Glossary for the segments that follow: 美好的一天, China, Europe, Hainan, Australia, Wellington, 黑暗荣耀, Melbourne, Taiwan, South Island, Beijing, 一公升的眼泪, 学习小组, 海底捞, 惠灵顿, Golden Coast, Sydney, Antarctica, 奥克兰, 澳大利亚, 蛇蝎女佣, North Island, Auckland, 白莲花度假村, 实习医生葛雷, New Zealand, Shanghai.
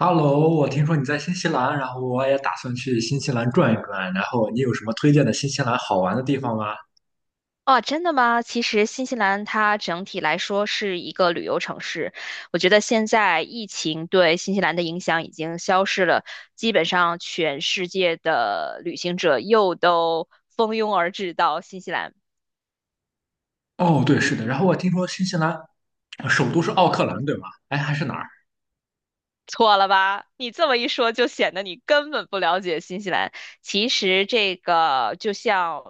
Hello，我听说你在新西兰，然后我也打算去新西兰转一转，然后你有什么推荐的新西兰好玩的地方吗？哦，真的吗？其实新西兰它整体来说是一个旅游城市，我觉得现在疫情对新西兰的影响已经消失了，基本上全世界的旅行者又都蜂拥而至到新西兰。哦，对，是的，然后我听说新西兰呃首都是奥克兰，对吗？哎，还是哪儿？错了吧？你这么一说，就显得你根本不了解新西兰。其实这个就像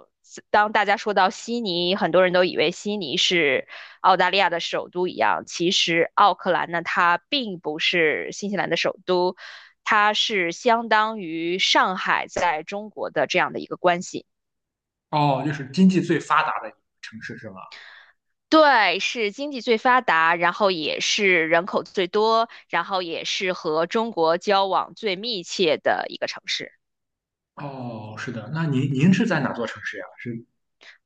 当大家说到悉尼，很多人都以为悉尼是澳大利亚的首都一样，其实奥克兰呢，它并不是新西兰的首都，它是相当于上海在中国的这样的一个关系。哦，就是经济最发达的一个城市是吗？对，是经济最发达，然后也是人口最多，然后也是和中国交往最密切的一个城市。哦，是的，那您是在哪座城市呀？是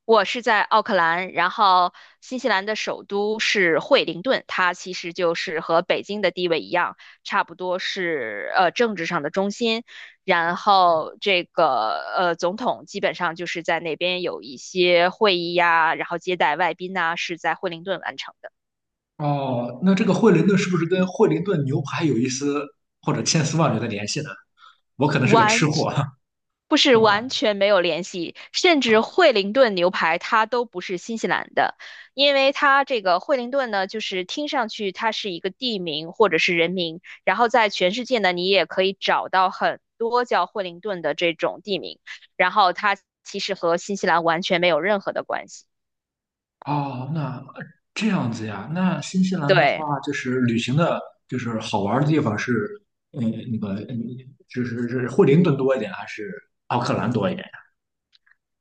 我是在奥克兰，然后新西兰的首都是惠灵顿，它其实就是和北京的地位一样，差不多是政治上的中心。然后这个总统基本上就是在那边有一些会议呀，然后接待外宾呐，是在惠灵顿完成的。哦，那这个惠灵顿是不是跟惠灵顿牛排有一丝或者千丝万缕的联系呢？我可能是个吃完，货，不 是是吧？完全没有联系，甚至惠灵顿牛排它都不是新西兰的，因为它这个惠灵顿呢，就是听上去它是一个地名或者是人名，然后在全世界呢，你也可以找到很多叫惠灵顿的这种地名，然后它其实和新西兰完全没有任何的关系。哦，那这样子呀，那新西兰的对。话，就是旅行的，就是好玩儿的地方是，嗯，那个，嗯，就是是惠灵顿多一点，还是奥克兰多一点呀？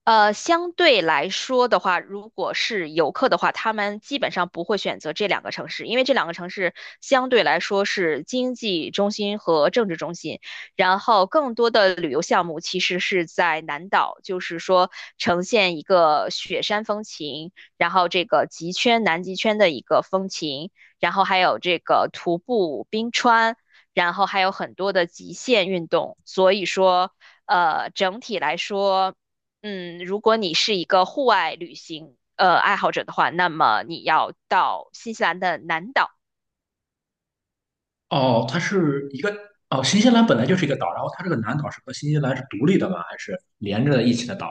相对来说的话，如果是游客的话，他们基本上不会选择这两个城市，因为这两个城市相对来说是经济中心和政治中心。然后，更多的旅游项目其实是在南岛，就是说呈现一个雪山风情，然后这个极圈、南极圈的一个风情，然后还有这个徒步冰川，然后还有很多的极限运动。所以说，整体来说，如果你是一个户外旅行爱好者的话，那么你要到新西兰的南岛。哦，它是一个，哦，新西兰本来就是一个岛，然后它这个南岛是和新西兰是独立的吗？还是连着一起的岛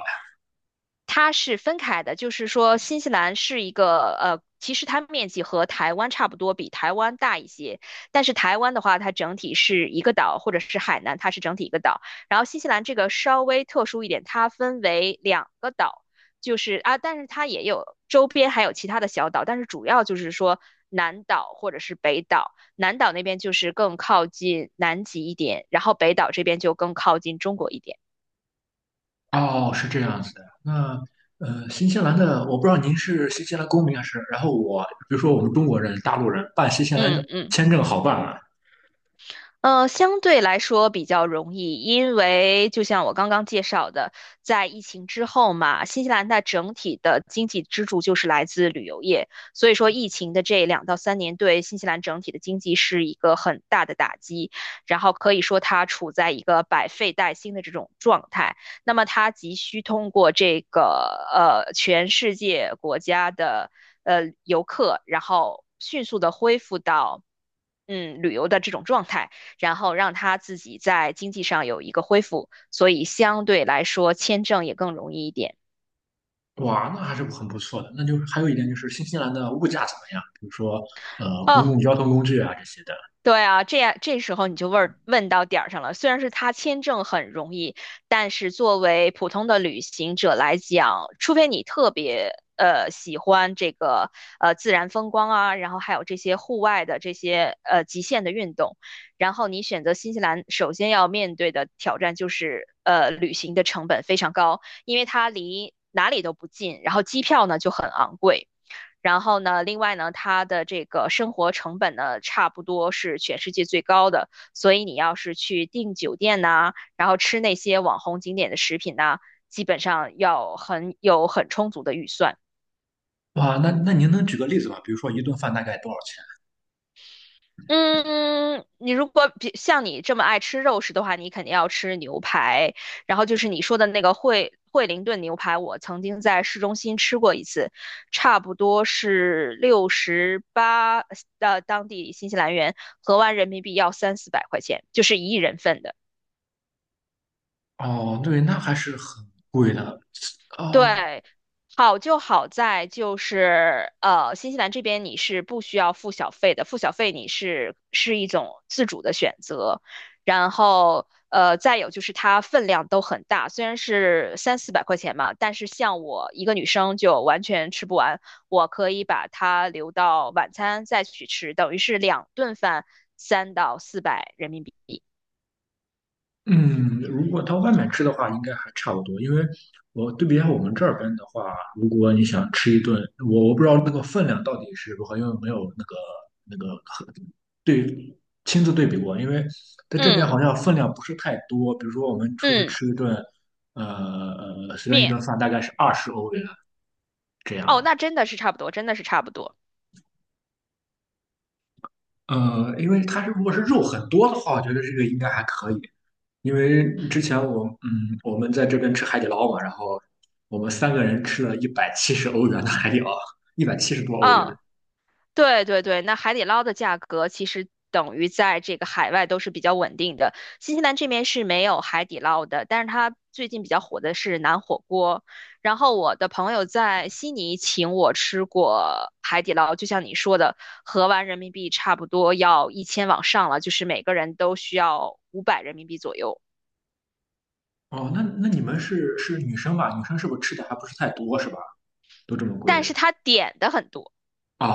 它是分开的，就是说新西兰是一个其实它面积和台湾差不多，比台湾大一些。但是台湾的话，它整体是一个岛，或者是海南，它是整体一个岛。然后新西兰这个稍微特殊一点，它分为两个岛，就是啊，但是它也有周边还有其他的小岛，但是主要就是说南岛或者是北岛。南岛那边就是更靠近南极一点，然后北岛这边就更靠近中国一点。呀？哦，是这样子的。那新西兰的，我不知道您是新西兰公民还是，然后我，比如说我们中国人、大陆人办新西兰嗯嗯。签证好办吗？相对来说比较容易，因为就像我刚刚介绍的，在疫情之后嘛，新西兰它整体的经济支柱就是来自旅游业，所以说疫情的这2到3年对新西兰整体的经济是一个很大的打击，然后可以说它处在一个百废待兴的这种状态，那么它急需通过这个全世界国家的游客，然后迅速的恢复到，旅游的这种状态，然后让他自己在经济上有一个恢复，所以相对来说签证也更容易一点。哇，那还是很不错的。那就是还有一点就是新西兰的物价怎么样？比如说，公哦，共交通工具啊这些的。对啊，这时候你就问问到点儿上了。虽然是他签证很容易，但是作为普通的旅行者来讲，除非你特别喜欢这个自然风光啊，然后还有这些户外的极限的运动，然后你选择新西兰，首先要面对的挑战就是旅行的成本非常高，因为它离哪里都不近，然后机票呢就很昂贵。然后呢，另外呢，它的这个生活成本呢，差不多是全世界最高的。所以你要是去订酒店呐、然后吃那些网红景点的食品呐、基本上要很有很充足的预算。哇，那那您能举个例子吗？比如说一顿饭大概多少钱？嗯，你如果比像你这么爱吃肉食的话，你肯定要吃牛排。然后就是你说的那个惠灵顿牛排，我曾经在市中心吃过一次，差不多是68，当地新西兰元合完人民币要三四百块钱，就是一人份的。哦，对，那还是很贵的。啊、对，好就好在就是新西兰这边你是不需要付小费的，付小费你是一种自主的选择。然后呃，再有就是它分量都很大，虽然是三四百块钱嘛，但是像我一个女生就完全吃不完，我可以把它留到晚餐再去吃，等于是两顿饭300到400人民币。嗯，如果到外面吃的话，应该还差不多。因为我对比一下我们这边的话，如果你想吃一顿，我不知道那个分量到底是如何，因为没有那个那个和对亲自对比过。因为在这边好嗯像分量不是太多，比如说我们出去嗯，吃一顿，呃，随便一面，顿饭大概是20欧元嗯，这哦，样，那真的是差不多，真的是差不多。因为它是如果是肉很多的话，我觉得这个应该还可以。因为之前我嗯，我们在这边吃海底捞嘛，然后我们三个人吃了170欧元的海底捞，170多欧元。嗯。对对对，那海底捞的价格其实等于在这个海外都是比较稳定的。新西兰这边是没有海底捞的，但是它最近比较火的是南火锅。然后我的朋友在悉尼请我吃过海底捞，就像你说的，合完人民币差不多要1000往上了，就是每个人都需要500人民币左右。哦，那那你们是是女生吧？女生是不是吃的还不是太多是吧？都这么贵？但是他点的很多。啊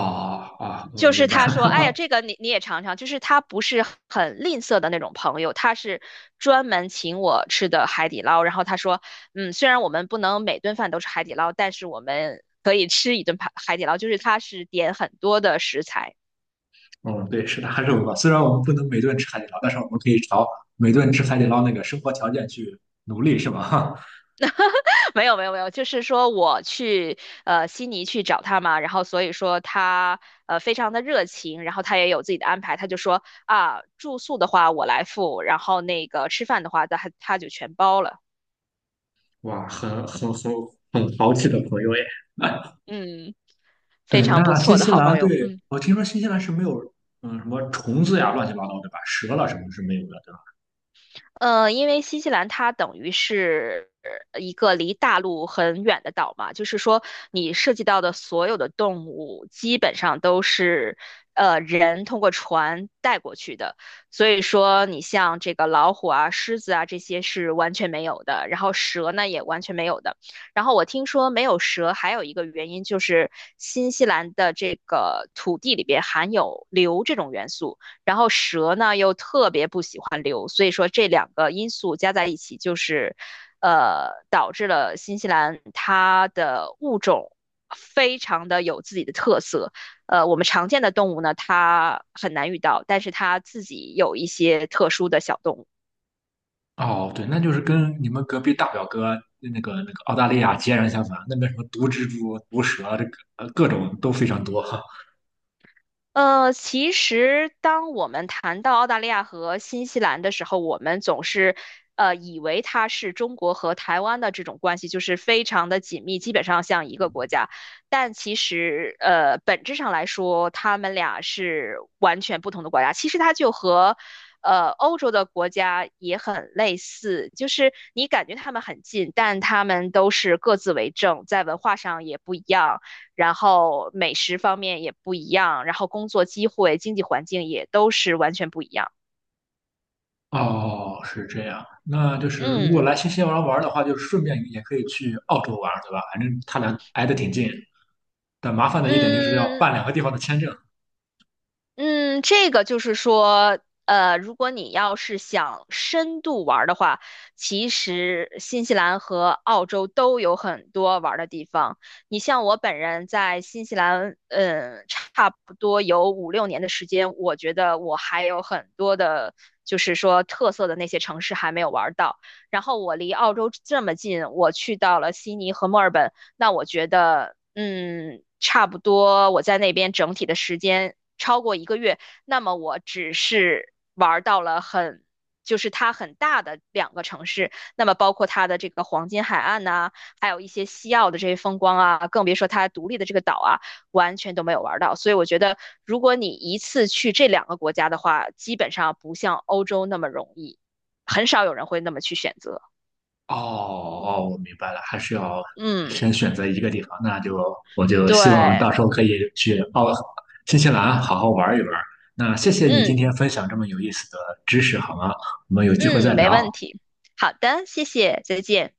啊，我就明是白他说，了。哎呀，这个你你也尝尝，就是他不是很吝啬的那种朋友，他是专门请我吃的海底捞。然后他说，嗯，虽然我们不能每顿饭都是海底捞，但是我们可以吃一顿海底捞，就是他是点很多的食材。嗯，对，是大肉吧？虽然我们不能每顿吃海底捞，但是我们可以朝每顿吃海底捞那个生活条件去努力，是吧？没有没有没有，就是说我去悉尼去找他嘛，然后所以说他非常的热情，然后他也有自己的安排，他就说啊住宿的话我来付，然后那个吃饭的话他他就全包了。哇，很很豪气的朋友耶！嗯。非对，那常不新错的西好兰朋友。对嗯，我听说新西兰是没有，嗯，什么虫子呀，乱七八糟，对吧？蛇了什么是没有的，对吧？因为新西兰它等于是一个离大陆很远的岛嘛，就是说你涉及到的所有的动物基本上都是人通过船带过去的，所以说你像这个老虎啊、狮子啊这些是完全没有的，然后蛇呢也完全没有的。然后我听说没有蛇还有一个原因就是新西兰的这个土地里边含有硫这种元素。然后蛇呢又特别不喜欢硫，所以说这两个因素加在一起，就是导致了新西兰它的物种非常的有自己的特色。我们常见的动物呢，它很难遇到，但是它自己有一些特殊的小动物。哦，对，那就是跟你们隔壁大表哥那个那个澳大利亚截然相反，那边什么毒蜘蛛、毒蛇，这个呃各种都非常多。其实当我们谈到澳大利亚和新西兰的时候，我们总是以为它是中国和台湾的这种关系，就是非常的紧密，基本上像一个国家。但其实本质上来说，他们俩是完全不同的国家。其实它就和欧洲的国家也很类似，就是你感觉他们很近，但他们都是各自为政，在文化上也不一样。然后美食方面也不一样，然后工作机会、经济环境也都是完全不一样。哦，是这样，那就是如果嗯来新西兰玩的话，就是顺便也可以去澳洲玩，对吧？反正他俩挨得挺近，但麻烦的一点就是要嗯，办两个地方的签证。嗯，这个就是说，如果你要是想深度玩儿的话，其实新西兰和澳洲都有很多玩儿的地方。你像我本人在新西兰，嗯，差不多有五六年的时间，我觉得我还有很多的，就是说特色的那些城市还没有玩儿到。然后我离澳洲这么近，我去到了悉尼和墨尔本，那我觉得，差不多我在那边整体的时间，超过一个月，那么我只是玩到了很，就是它很大的两个城市，那么包括它的这个黄金海岸呐、啊还有一些西澳的这些风光啊，更别说它独立的这个岛啊，完全都没有玩到。所以我觉得，如果你一次去这两个国家的话，基本上不像欧洲那么容易，很少有人会那么去选择。哦哦，我明白了，还是要先嗯，选择一个地方。那就我就对，希望到时候可以去澳新西兰好好玩一玩。那谢谢你今天嗯分享这么有意思的知识，好吗？我们有机会再嗯，没问聊。题。好的，谢谢，再见。